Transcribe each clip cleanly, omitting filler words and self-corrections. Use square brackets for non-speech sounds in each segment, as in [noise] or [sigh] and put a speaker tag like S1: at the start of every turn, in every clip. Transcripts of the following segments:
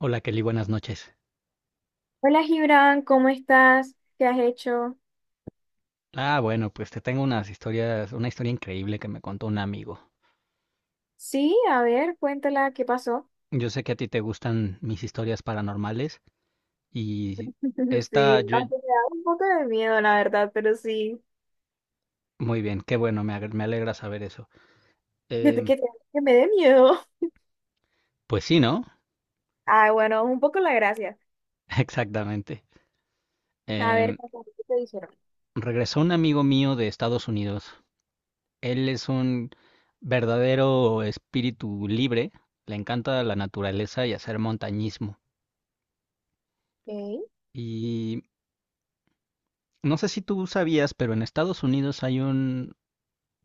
S1: Hola Kelly, buenas noches.
S2: Hola Gibran, ¿cómo estás? ¿Qué has hecho?
S1: Bueno, pues te tengo una historia increíble que me contó un amigo.
S2: Sí, a ver, cuéntala, ¿qué pasó?
S1: Yo sé que a ti te gustan mis historias paranormales y
S2: [laughs]
S1: esta,
S2: Sí,
S1: yo,
S2: aunque me da un poco de miedo, la verdad, pero sí,
S1: muy bien, qué bueno, me alegra saber eso.
S2: que, te-
S1: Em,
S2: que, te- que me dé miedo. [laughs]
S1: pues sí, ¿no?
S2: Ah, bueno, un poco la gracia.
S1: [laughs] Exactamente.
S2: A ver,
S1: Em,
S2: cuéntame, ¿qué te dijeron?
S1: Regresó un amigo mío de Estados Unidos. Él es un verdadero espíritu libre, le encanta la naturaleza y hacer montañismo.
S2: Ok.
S1: Y no sé si tú sabías, pero en Estados Unidos hay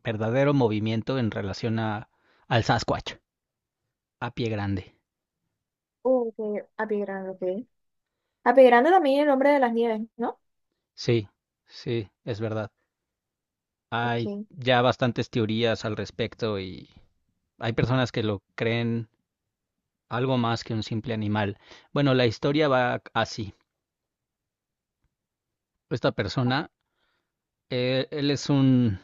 S1: verdadero movimiento en relación al Sasquatch, a pie grande.
S2: ¿Que Apigrando? Ok. Apigrando también, el hombre de las nieves, ¿no?
S1: Sí, sí, es verdad.
S2: Ok.
S1: Hay ya bastantes teorías al respecto y hay personas que lo creen algo más que un simple animal. Bueno, la historia va así. Esta persona, eh, él es un,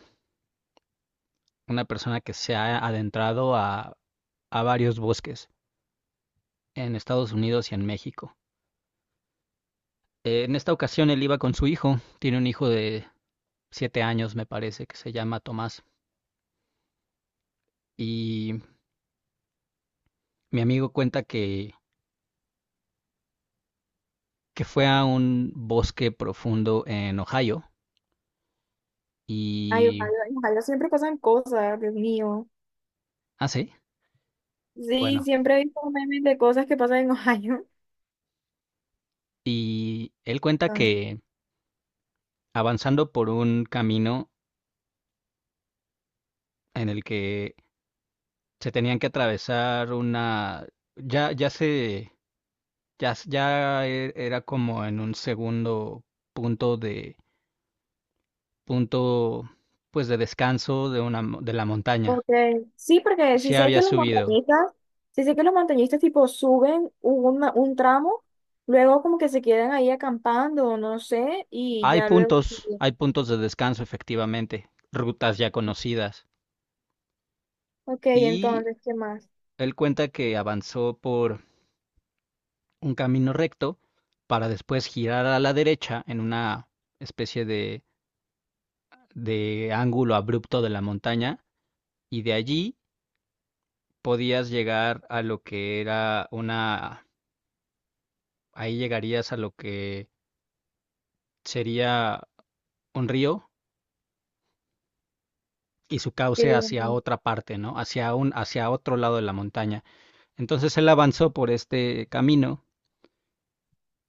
S1: una persona que se ha adentrado a varios bosques en Estados Unidos y en México. En esta ocasión él iba con su hijo, tiene un hijo de 7 años me parece, que se llama Tomás. Y mi amigo que fue a un bosque profundo en Ohio
S2: Ay,
S1: y...
S2: ojalá, ojalá siempre pasan cosas, Dios mío.
S1: Ah, sí,
S2: Sí,
S1: bueno.
S2: siempre he visto memes de cosas que pasan en [laughs] Ohio.
S1: Y él cuenta que avanzando por un camino en el que se tenían que atravesar una... Ya, ya se... era como en un segundo punto de... punto pues de descanso de una de la montaña.
S2: Ok. Sí, porque sí
S1: Se
S2: sé
S1: había
S2: que los
S1: subido.
S2: montañistas, sí sé que los montañistas tipo suben un tramo, luego como que se quedan ahí acampando o no sé, y ya luego.
S1: Hay puntos de descanso efectivamente, rutas ya conocidas.
S2: Ok,
S1: Y
S2: entonces, ¿qué más?
S1: él cuenta que avanzó por un camino recto para después girar a la derecha en una especie de, de ángulo abrupto de la montaña y de allí podías llegar a lo que era una... ahí llegarías a lo que sería un río y su
S2: ¿Qué?
S1: cauce hacia otra parte, ¿no? Hacia otro lado de la montaña. Entonces él avanzó por este camino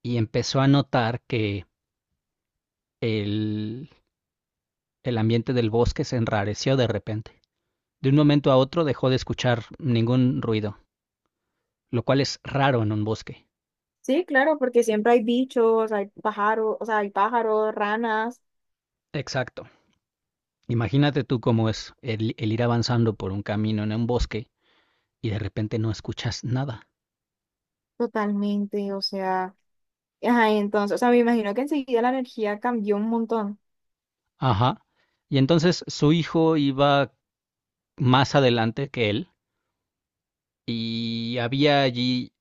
S1: y empezó a notar que el, el ambiente del bosque se enrareció de repente. De un momento a otro dejó de escuchar ningún ruido, lo cual es raro en un bosque.
S2: Sí, claro, porque siempre hay bichos, hay pájaros, o sea, hay pájaros, ranas,
S1: Exacto. Imagínate tú cómo es el ir avanzando por un camino en un bosque y de repente no escuchas nada.
S2: totalmente, o sea, ajá, entonces, o sea, me imagino que enseguida la energía cambió un montón.
S1: Ajá. Y entonces su hijo iba más adelante que él y había allí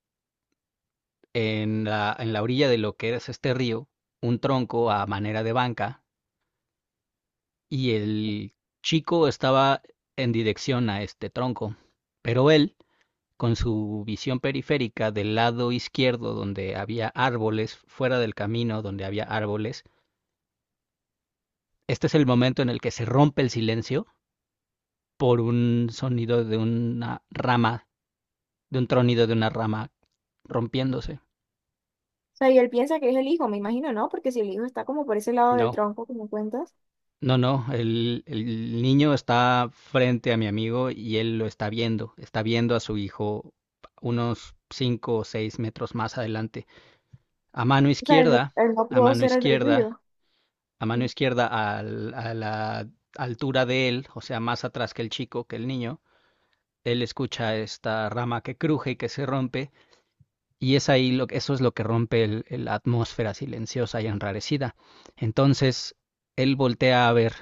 S1: en en la orilla de lo que es este río un tronco a manera de banca y el chico estaba en dirección a este tronco, pero él, con su visión periférica del lado izquierdo donde había árboles, fuera del camino donde había árboles, este es el momento en el que se rompe el silencio por un sonido de una rama, de un tronido de una rama rompiéndose.
S2: O sea, y él piensa que es el hijo, me imagino, ¿no? Porque si el hijo está como por ese lado del
S1: No,
S2: tronco, como cuentas.
S1: no, no, el niño está frente a mi amigo y él lo está viendo a su hijo unos 5 o 6 metros más adelante. A mano
S2: O sea,
S1: izquierda,
S2: el
S1: a
S2: otro
S1: mano
S2: era del
S1: izquierda,
S2: río.
S1: a mano izquierda a la altura de él, o sea, más atrás que el chico, que el niño, él escucha esta rama que cruje y que se rompe, y es eso es lo que rompe la atmósfera silenciosa y enrarecida. Entonces, él voltea a ver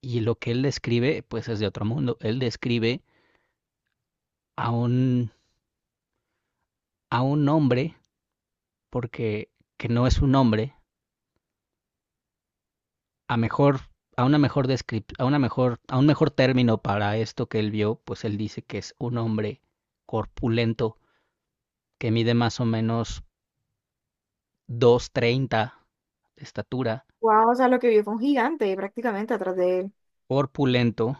S1: y lo que él describe, pues es de otro mundo. Él describe a a un hombre, porque que no es un hombre, a mejor, a un mejor término para esto que él vio, pues él dice que es un hombre corpulento, que mide más o menos 2,30 de estatura,
S2: Wow, o sea, lo que vio fue un gigante prácticamente atrás de él.
S1: corpulento,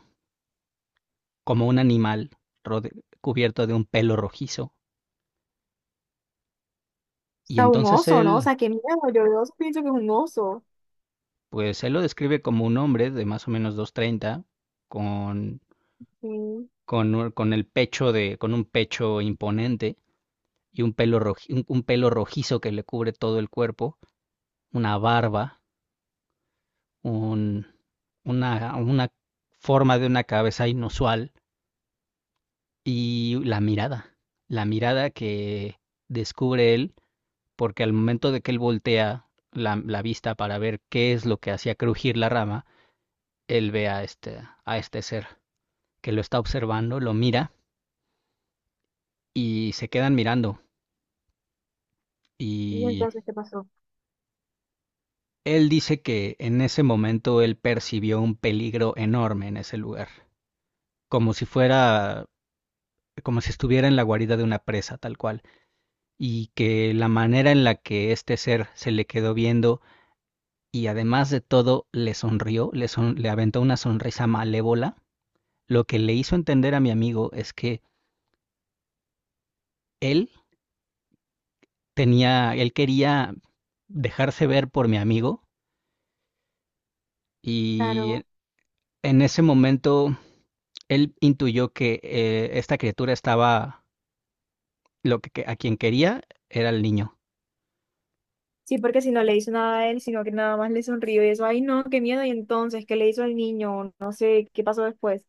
S1: como un animal, cubierto de un pelo rojizo.
S2: O
S1: Y
S2: sea, un
S1: entonces
S2: oso, ¿no? O
S1: él,
S2: sea, qué miedo. Yo veo eso, pienso que es un oso.
S1: pues él lo describe como un hombre de más o menos dos treinta con
S2: Sí.
S1: con el con un pecho imponente y un un pelo rojizo que le cubre todo el cuerpo, una barba, un, una forma de una cabeza inusual y la mirada que descubre él, porque al momento de que él voltea la vista para ver qué es lo que hacía crujir la rama, él ve a a este ser que lo está observando, lo mira y se quedan mirando.
S2: Y
S1: Y
S2: entonces, ¿qué pasó?
S1: Él dice que en ese momento él percibió un peligro enorme en ese lugar, como si fuera, como si estuviera en la guarida de una presa tal cual, y que la manera en la que este ser se le quedó viendo y además de todo le sonrió, le aventó una sonrisa malévola. Lo que le hizo entender a mi amigo es que él él quería dejarse ver por mi amigo. Y
S2: Claro.
S1: en ese momento él intuyó que esta criatura estaba, lo que, a quien quería era el niño.
S2: Sí, porque si no le hizo nada a él, sino que nada más le sonrió y eso, ay, no, qué miedo. Y entonces, ¿qué le hizo al niño? No sé, ¿qué pasó después?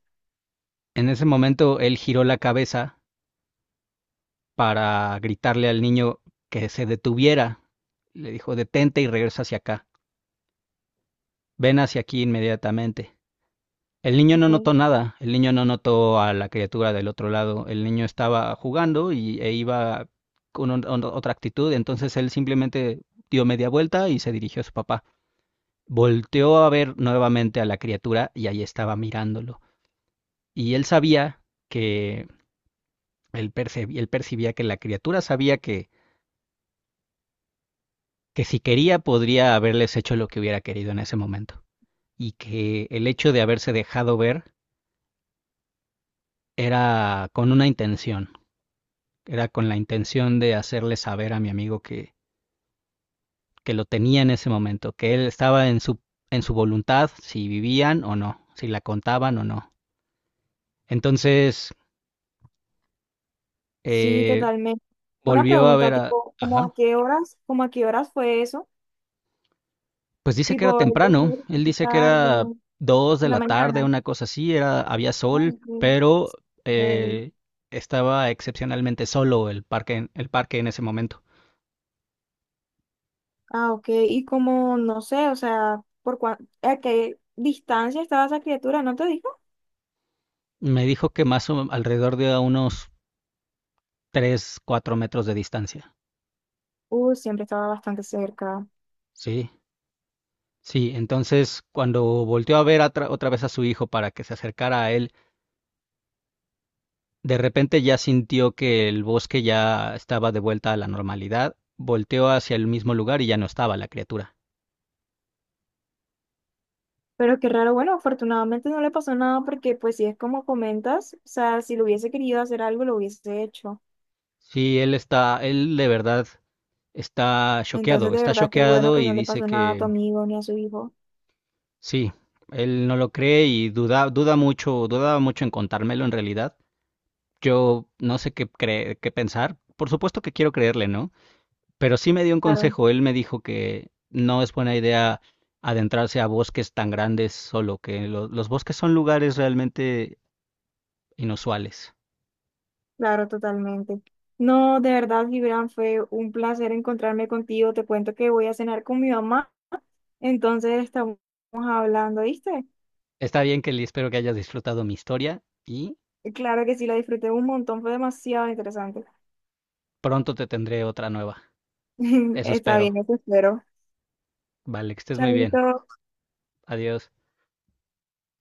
S1: En ese momento él giró la cabeza para gritarle al niño que se detuviera. Le dijo, detente y regresa hacia acá. Ven hacia aquí inmediatamente. El niño no
S2: Ok.
S1: notó nada, el niño no notó a la criatura del otro lado. El niño estaba jugando y, e iba con otra actitud, entonces él simplemente dio media vuelta y se dirigió a su papá. Volteó a ver nuevamente a la criatura y ahí estaba mirándolo. Y él sabía que él percibía que la criatura sabía que si quería podría haberles hecho lo que hubiera querido en ese momento y que el hecho de haberse dejado ver era con una intención, era con la intención de hacerle saber a mi amigo que lo tenía en ese momento, que él estaba en su voluntad si vivían o no, si la contaban o no. Entonces
S2: Sí,
S1: eh,
S2: totalmente. Una
S1: volvió a
S2: pregunta,
S1: ver a...
S2: tipo, ¿cómo
S1: Ajá.
S2: a qué horas, cómo a qué horas fue eso?
S1: Pues dice que era
S2: Tipo, ¿el
S1: temprano, él dice que
S2: tarde,
S1: era 2 de
S2: en la
S1: la tarde,
S2: mañana?
S1: una cosa así, era, había sol,
S2: Ay,
S1: pero
S2: sí.
S1: eh, estaba excepcionalmente solo el parque, el parque en ese momento.
S2: Ah, ok. Y como, no sé, o sea, ¿a qué distancia estaba esa criatura? ¿No te dijo?
S1: Me dijo que más o alrededor de unos 3, 4 metros de distancia.
S2: Siempre estaba bastante cerca.
S1: Sí, sí, entonces cuando volteó a ver otra vez a su hijo para que se acercara a él, de repente ya sintió que el bosque ya estaba de vuelta a la normalidad, volteó hacia el mismo lugar y ya no estaba la criatura.
S2: Pero qué raro, bueno, afortunadamente no le pasó nada, porque pues si es como comentas, o sea, si lo hubiese querido hacer algo, lo hubiese hecho.
S1: Sí, él de verdad
S2: Entonces, de
S1: está
S2: verdad, qué bueno
S1: choqueado
S2: que
S1: y
S2: no le
S1: dice
S2: pasó nada a tu
S1: que
S2: amigo ni a su hijo.
S1: sí, él no lo cree y duda, duda mucho, dudaba mucho en contármelo en realidad. Yo no sé qué pensar. Por supuesto que quiero creerle, ¿no? Pero sí me dio un
S2: Claro,
S1: consejo. Él me dijo que no es buena idea adentrarse a bosques tan grandes solo, que los bosques son lugares realmente inusuales.
S2: claro, totalmente. No, de verdad, Gibran, fue un placer encontrarme contigo. Te cuento que voy a cenar con mi mamá, entonces estamos hablando, ¿viste?
S1: Está bien, Kelly, espero que hayas disfrutado mi historia y
S2: Claro que sí, lo disfruté un montón, fue demasiado interesante.
S1: pronto te tendré otra nueva.
S2: [laughs]
S1: Eso
S2: Está
S1: espero.
S2: bien, eso espero.
S1: Vale, que estés muy bien.
S2: Chaito.
S1: Adiós.